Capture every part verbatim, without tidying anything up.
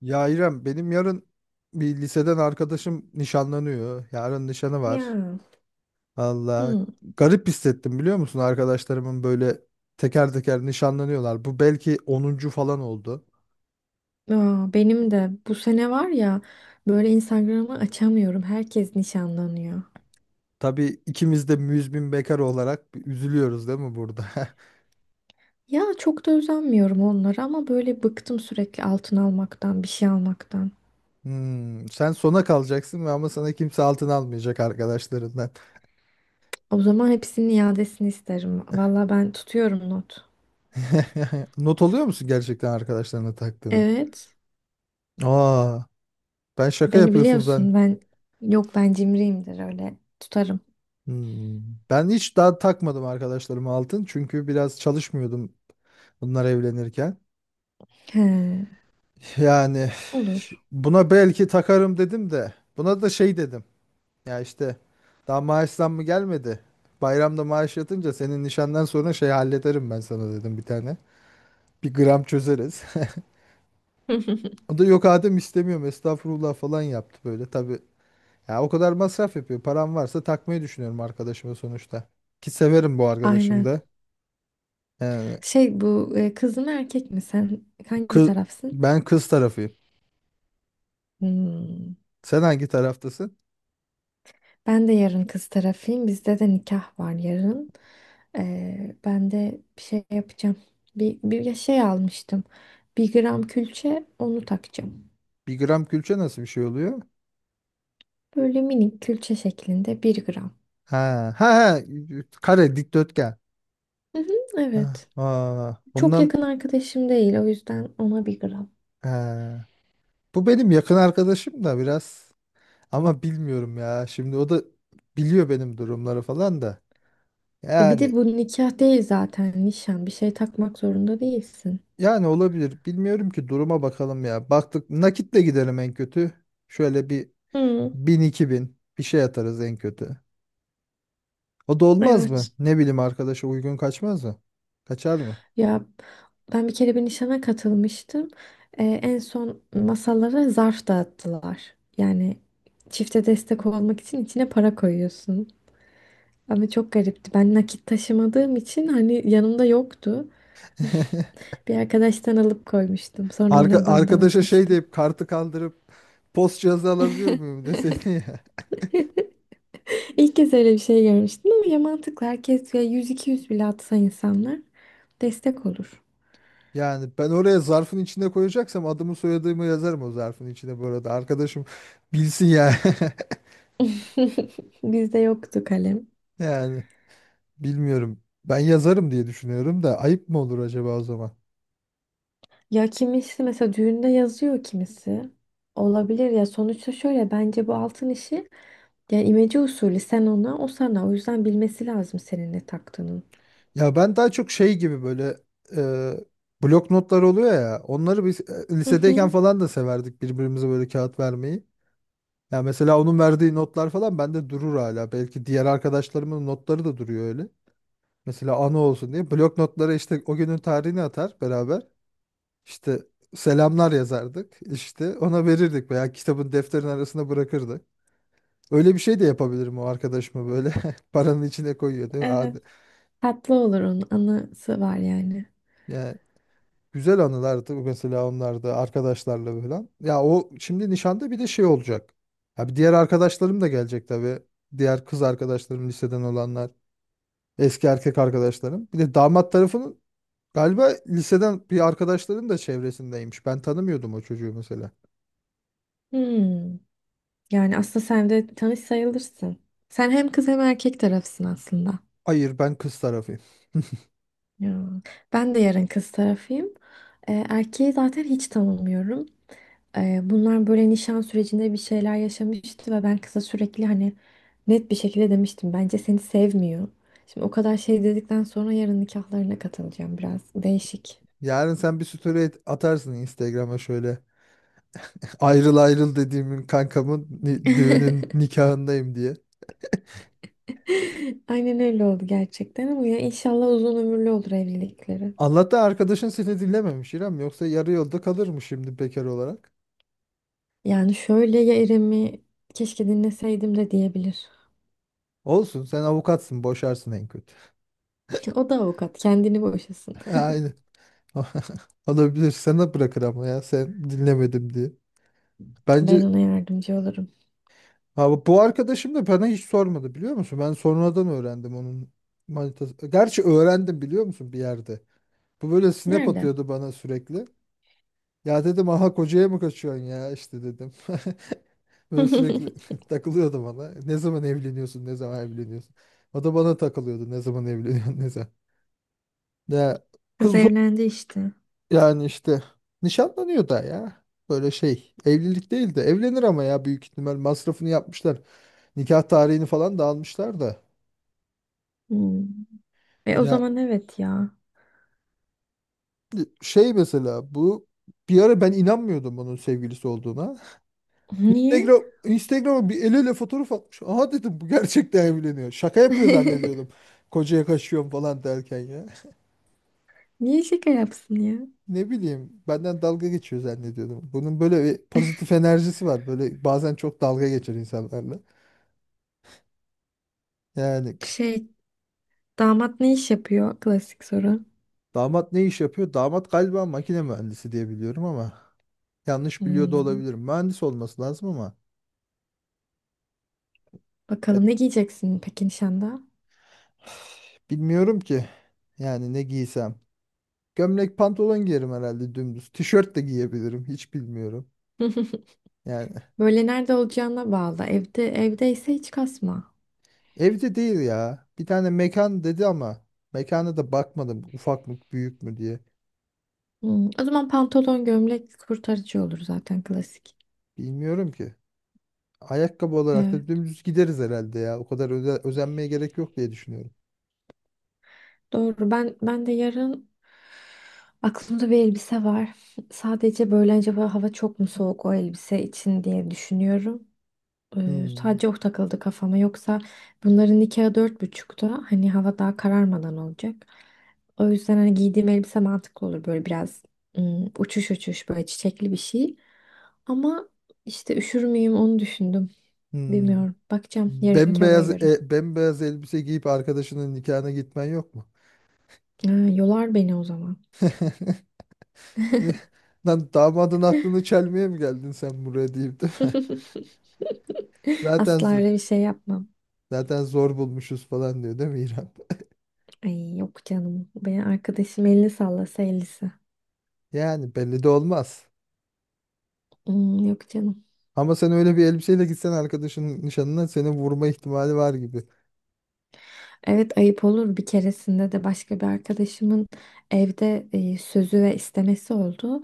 Ya İrem benim yarın bir liseden arkadaşım nişanlanıyor. Yarın nişanı var. Ya. Allah Hı. garip hissettim biliyor musun? Arkadaşlarımın böyle teker teker nişanlanıyorlar. Bu belki onuncu falan oldu. Aa, benim de bu sene var ya böyle Instagram'ı açamıyorum. Herkes nişanlanıyor. Tabii ikimiz de müzmin bekar olarak bir üzülüyoruz değil mi burada? Ya çok da özenmiyorum onlara ama böyle bıktım sürekli altın almaktan, bir şey almaktan. Hmm, sen sona kalacaksın ve ama sana kimse altın almayacak arkadaşlarından. O zaman hepsinin iadesini isterim. Valla ben tutuyorum not. Not oluyor musun gerçekten arkadaşlarına taktığını? Evet. Aa, ben şaka Beni yapıyorsun sen. biliyorsun ben yok ben cimriyimdir öyle tutarım. Hmm. Ben hiç daha takmadım arkadaşlarıma altın çünkü biraz çalışmıyordum bunlar evlenirken. He, Yani olur. buna belki takarım dedim de buna da şey dedim. Ya işte daha maaş zammı gelmedi. Bayramda maaş yatınca senin nişandan sonra şey hallederim ben sana dedim bir tane. Bir gram çözeriz. O da yok, Adem istemiyorum estağfurullah falan yaptı böyle tabii. Ya o kadar masraf yapıyor. Param varsa takmayı düşünüyorum arkadaşıma sonuçta. Ki severim bu arkadaşım Aynen. da. Yani Şey bu e, kız mı erkek mi sen hangi kız, tarafsın? ben kız tarafıyım. Hmm. Sen hangi taraftasın? Ben de yarın kız tarafıyım. Bizde de nikah var yarın. Ee, ben de bir şey yapacağım. Bir, bir şey almıştım. Bir gram külçe onu takacağım. Bir gram külçe nasıl bir şey oluyor? Böyle minik külçe şeklinde bir gram. Ha ha, ha, kare dikdörtgen. Hı hı, Ha, evet. ha, Çok ondan yakın arkadaşım değil. O yüzden ona bir gram. ha. Bu benim yakın arkadaşım da biraz ama bilmiyorum ya. Şimdi o da biliyor benim durumları falan da. E bir Yani de bu nikah değil zaten nişan. Bir şey takmak zorunda değilsin. yani olabilir. Bilmiyorum ki, duruma bakalım ya. Baktık nakitle gidelim en kötü. Şöyle bir Hı, bin iki bin bir şey atarız en kötü. O da olmaz mı? evet. Ne bileyim arkadaşa uygun kaçmaz mı? Kaçar mı? Ya ben bir kere bir nişana katılmıştım. Ee, en son masalara zarf dağıttılar. Yani çifte destek olmak için içine para koyuyorsun. Ama çok garipti. Ben nakit taşımadığım için hani yanımda yoktu. Bir arkadaştan alıp koymuştum. Sonra ona Arka, İ B A N'dan arkadaşa şey atmıştım. deyip kartı kaldırıp post cihazı alabilir miyim deseydin ya. İlk kez öyle bir şey görmüştüm ama ya mantıklı. Herkes ya yüz iki yüz bile atsa insanlar destek olur. Yani ben oraya zarfın içine koyacaksam adımı soyadımı yazarım o zarfın içine bu arada. Arkadaşım bilsin ya. Bizde yoktu kalem. Yani bilmiyorum. Ben yazarım diye düşünüyorum da ayıp mı olur acaba o zaman? Ya kimisi mesela düğünde yazıyor kimisi. Olabilir ya sonuçta şöyle bence bu altın işi yani imece usulü sen ona o sana o yüzden bilmesi lazım senin ne taktığının. Ya ben daha çok şey gibi böyle e, blok notlar oluyor ya. Onları biz e, Hı lisedeyken hı, falan da severdik birbirimize böyle kağıt vermeyi. Ya mesela onun verdiği notlar falan bende durur hala. Belki diğer arkadaşlarımın notları da duruyor öyle. Mesela anı olsun diye blok notları işte o günün tarihini atar beraber. İşte selamlar yazardık. İşte ona verirdik veya kitabın defterin arasına bırakırdık. Öyle bir şey de yapabilirim o arkadaşıma böyle paranın içine koyuyor değil mi? evet. Hadi. Tatlı olur onun anısı var yani. Yani güzel anılardı mesela onlar da arkadaşlarla falan. Ya o şimdi nişanda bir de şey olacak. Ya bir diğer arkadaşlarım da gelecek tabii. Diğer kız arkadaşlarım liseden olanlar. Eski erkek arkadaşlarım. Bir de damat tarafının galiba liseden bir arkadaşların da çevresindeymiş. Ben tanımıyordum o çocuğu mesela. Hmm. Yani aslında sen de tanış sayılırsın. Sen hem kız hem erkek tarafısın aslında. Hayır, ben kız tarafıyım. Ya. Ben de yarın kız tarafıyım. Ee, erkeği zaten hiç tanımıyorum. Ee, bunlar böyle nişan sürecinde bir şeyler yaşamıştı ve ben kıza sürekli hani net bir şekilde demiştim. Bence seni sevmiyor. Şimdi o kadar şey dedikten sonra yarın nikahlarına katılacağım biraz. Değişik. Yarın sen bir story at- atarsın Instagram'a şöyle. Ayrıl ayrıl dediğimin kankamın ni- düğünün nikahındayım diye. Aynen öyle oldu gerçekten ama ya inşallah uzun ömürlü olur evlilikleri. Allah'tan arkadaşın seni dinlememiş İrem. Yoksa yarı yolda kalırmış şimdi bekar olarak. Yani şöyle ya İrem'i keşke dinleseydim de diyebilir. Olsun, sen avukatsın boşarsın en kötü. O da avukat kendini boşasın. Aynen. Olabilir, sana bırakır ama ya sen dinlemedim diye. Ben Bence ona yardımcı olurum. ha, bu bu arkadaşım da bana hiç sormadı biliyor musun? Ben sonradan öğrendim onun manitası. Gerçi öğrendim biliyor musun bir yerde. Bu böyle snap Nerede? atıyordu bana sürekli. Ya dedim aha kocaya mı kaçıyorsun ya işte dedim. Böyle sürekli takılıyordu bana. Ne zaman evleniyorsun? Ne zaman evleniyorsun? O da bana takılıyordu. Ne zaman evleniyorsun? Ne zaman? Ya Kız kız, evlendi işte. yani işte nişanlanıyor da ya. Böyle şey evlilik değil de evlenir ama ya büyük ihtimal masrafını yapmışlar. Nikah tarihini falan da almışlar da. Hmm. E o Ya zaman evet ya. şey mesela bu bir ara ben inanmıyordum bunun sevgilisi olduğuna. Niye? Instagram Instagram'a bir el ele fotoğraf atmış. Aha dedim bu gerçekten evleniyor. Şaka yapıyor zannediyordum. Kocaya kaçıyorum falan derken ya. Niye şaka yapsın ya? Ne bileyim benden dalga geçiyor zannediyordum. Bunun böyle bir pozitif enerjisi var. Böyle bazen çok dalga geçer insanlarla. Yani Şey, damat ne iş yapıyor? Klasik soru. damat ne iş yapıyor? Damat galiba makine mühendisi diye biliyorum ama yanlış biliyor da Hmm. olabilirim. Mühendis olması lazım ama. Bakalım ne giyeceksin peki nişanda? Bilmiyorum ki. Yani ne giysem. Gömlek pantolon giyerim herhalde dümdüz. Tişört de giyebilirim. Hiç bilmiyorum. Yani Böyle nerede olacağına bağlı. Evde evdeyse hiç kasma. evde değil ya. Bir tane mekan dedi ama mekana da bakmadım. Ufak mı büyük mü diye. Hmm, o zaman pantolon, gömlek kurtarıcı olur zaten klasik. Bilmiyorum ki. Ayakkabı olarak Evet, da dümdüz gideriz herhalde ya. O kadar öze- özenmeye gerek yok diye düşünüyorum. doğru. Ben ben de yarın aklımda bir elbise var. Sadece böyle acaba hava çok mu soğuk o elbise için diye düşünüyorum. Ee, Hmm. Sadece o takıldı kafama. Yoksa bunların nikahı dört buçukta. Hani hava daha kararmadan olacak. O yüzden hani giydiğim elbise mantıklı olur. Böyle biraz ım, uçuş uçuş böyle çiçekli bir şey. Ama işte üşür müyüm onu düşündüm. Hmm. Bilmiyorum. Bakacağım yarınki havaya Bembeyaz göre. e, bembeyaz elbise giyip arkadaşının nikahına gitmen yok mu? Ha, yolar beni o zaman. Ne- Lan damadın aklını çelmeye mi geldin sen buraya deyip de. Zaten Asla z- öyle bir şey yapmam. zaten zor bulmuşuz falan diyor değil mi İrem? Ay yok canım. Benim arkadaşım elini sallasa ellisi. Yani belli de olmaz. Hmm, yok canım. Ama sen öyle bir elbiseyle gitsen arkadaşının nişanına seni vurma ihtimali var gibi. Evet ayıp olur. Bir keresinde de başka bir arkadaşımın evde e, sözü ve istemesi oldu.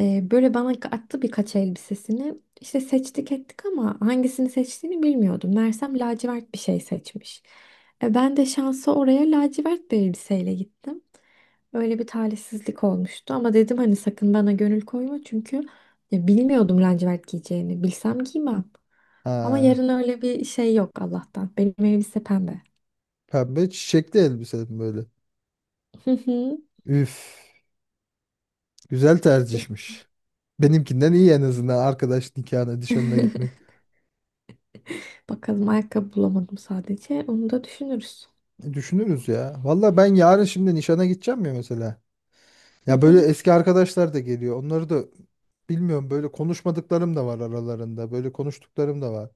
E, böyle bana attı birkaç elbisesini. İşte seçtik ettik ama hangisini seçtiğini bilmiyordum. Meğersem lacivert bir şey seçmiş. E, ben de şansa oraya lacivert bir elbiseyle gittim. Öyle bir talihsizlik olmuştu ama dedim hani sakın bana gönül koyma çünkü ya, bilmiyordum lacivert giyeceğini. Bilsem giymem. Ama Ha, yarın öyle bir şey yok Allah'tan. Benim elbise pembe. pembe çiçekli elbise böyle. Hı hı. Üf, güzel tercihmiş. Benimkinden iyi en azından arkadaş nikahına, nişanına gitmek. Bakalım ayakkabı bulamadım sadece. Onu da düşünürüz. E, düşünürüz ya. Valla ben yarın şimdi nişana gideceğim ya mesela. Hı Ya böyle hı. eski arkadaşlar da geliyor. Onları da bilmiyorum, böyle konuşmadıklarım da var aralarında. Böyle konuştuklarım da var.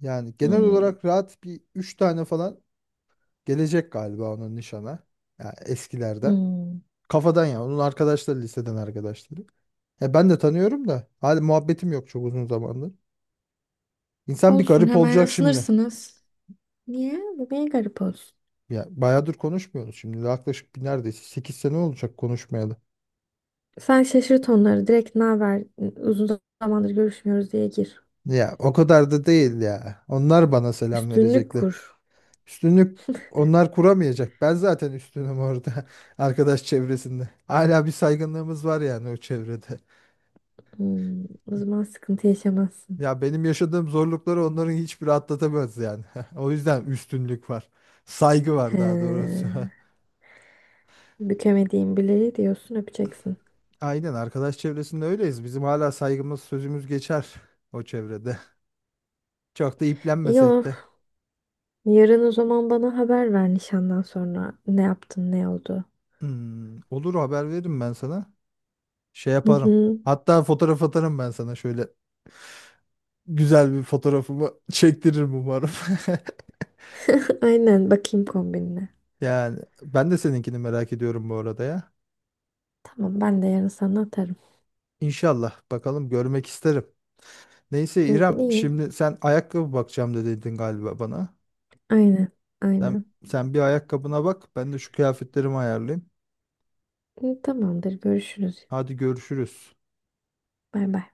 Yani genel Hmm. olarak rahat bir üç tane falan gelecek galiba onun nişana. Yani eskilerden. Hmm. Kafadan ya. Onun arkadaşları, liseden arkadaşları. Ya ben de tanıyorum da. Hadi muhabbetim yok çok uzun zamandır. İnsan bir Olsun garip hemen olacak şimdi. ısınırsınız. Niye? Bu niye garip olsun? Ya bayağıdır konuşmuyoruz şimdi. Yaklaşık bir neredeyse sekiz sene olacak konuşmayalı. Sen şaşırt onları. Direkt ne haber? Uzun zamandır görüşmüyoruz diye gir. Ya o kadar da değil ya. Onlar bana selam Üstünlük verecekler. kur. Üstünlük onlar kuramayacak. Ben zaten üstünüm orada. Arkadaş çevresinde. Hala bir saygınlığımız var yani o çevrede. Hmm. O zaman sıkıntı yaşamazsın. Ya benim yaşadığım zorlukları onların hiçbiri atlatamaz yani. O yüzden üstünlük var. Saygı var daha doğrusu. He. Bükemediğin bileği diyorsun öpeceksin. Aynen arkadaş çevresinde öyleyiz. Bizim hala saygımız sözümüz geçer o çevrede. Çok da İyi. iplenmesek de. Yarın o zaman bana haber ver nişandan sonra. Ne yaptın ne oldu? Hmm, olur haber veririm ben sana. Şey Hı yaparım. hı. Hatta fotoğraf atarım ben sana şöyle güzel bir fotoğrafımı çektiririm umarım. Aynen bakayım kombinine. Yani ben de seninkini merak ediyorum bu arada ya. Tamam ben de yarın sana atarım. İnşallah bakalım, görmek isterim. Neyse Hı, İrem, İyiyim. şimdi sen ayakkabı bakacağım da dedin galiba bana. Aynen. Sen, Aynen. sen bir ayakkabına bak, ben de şu kıyafetlerimi ayarlayayım. Hı, tamamdır görüşürüz. Hadi görüşürüz. Bay bay.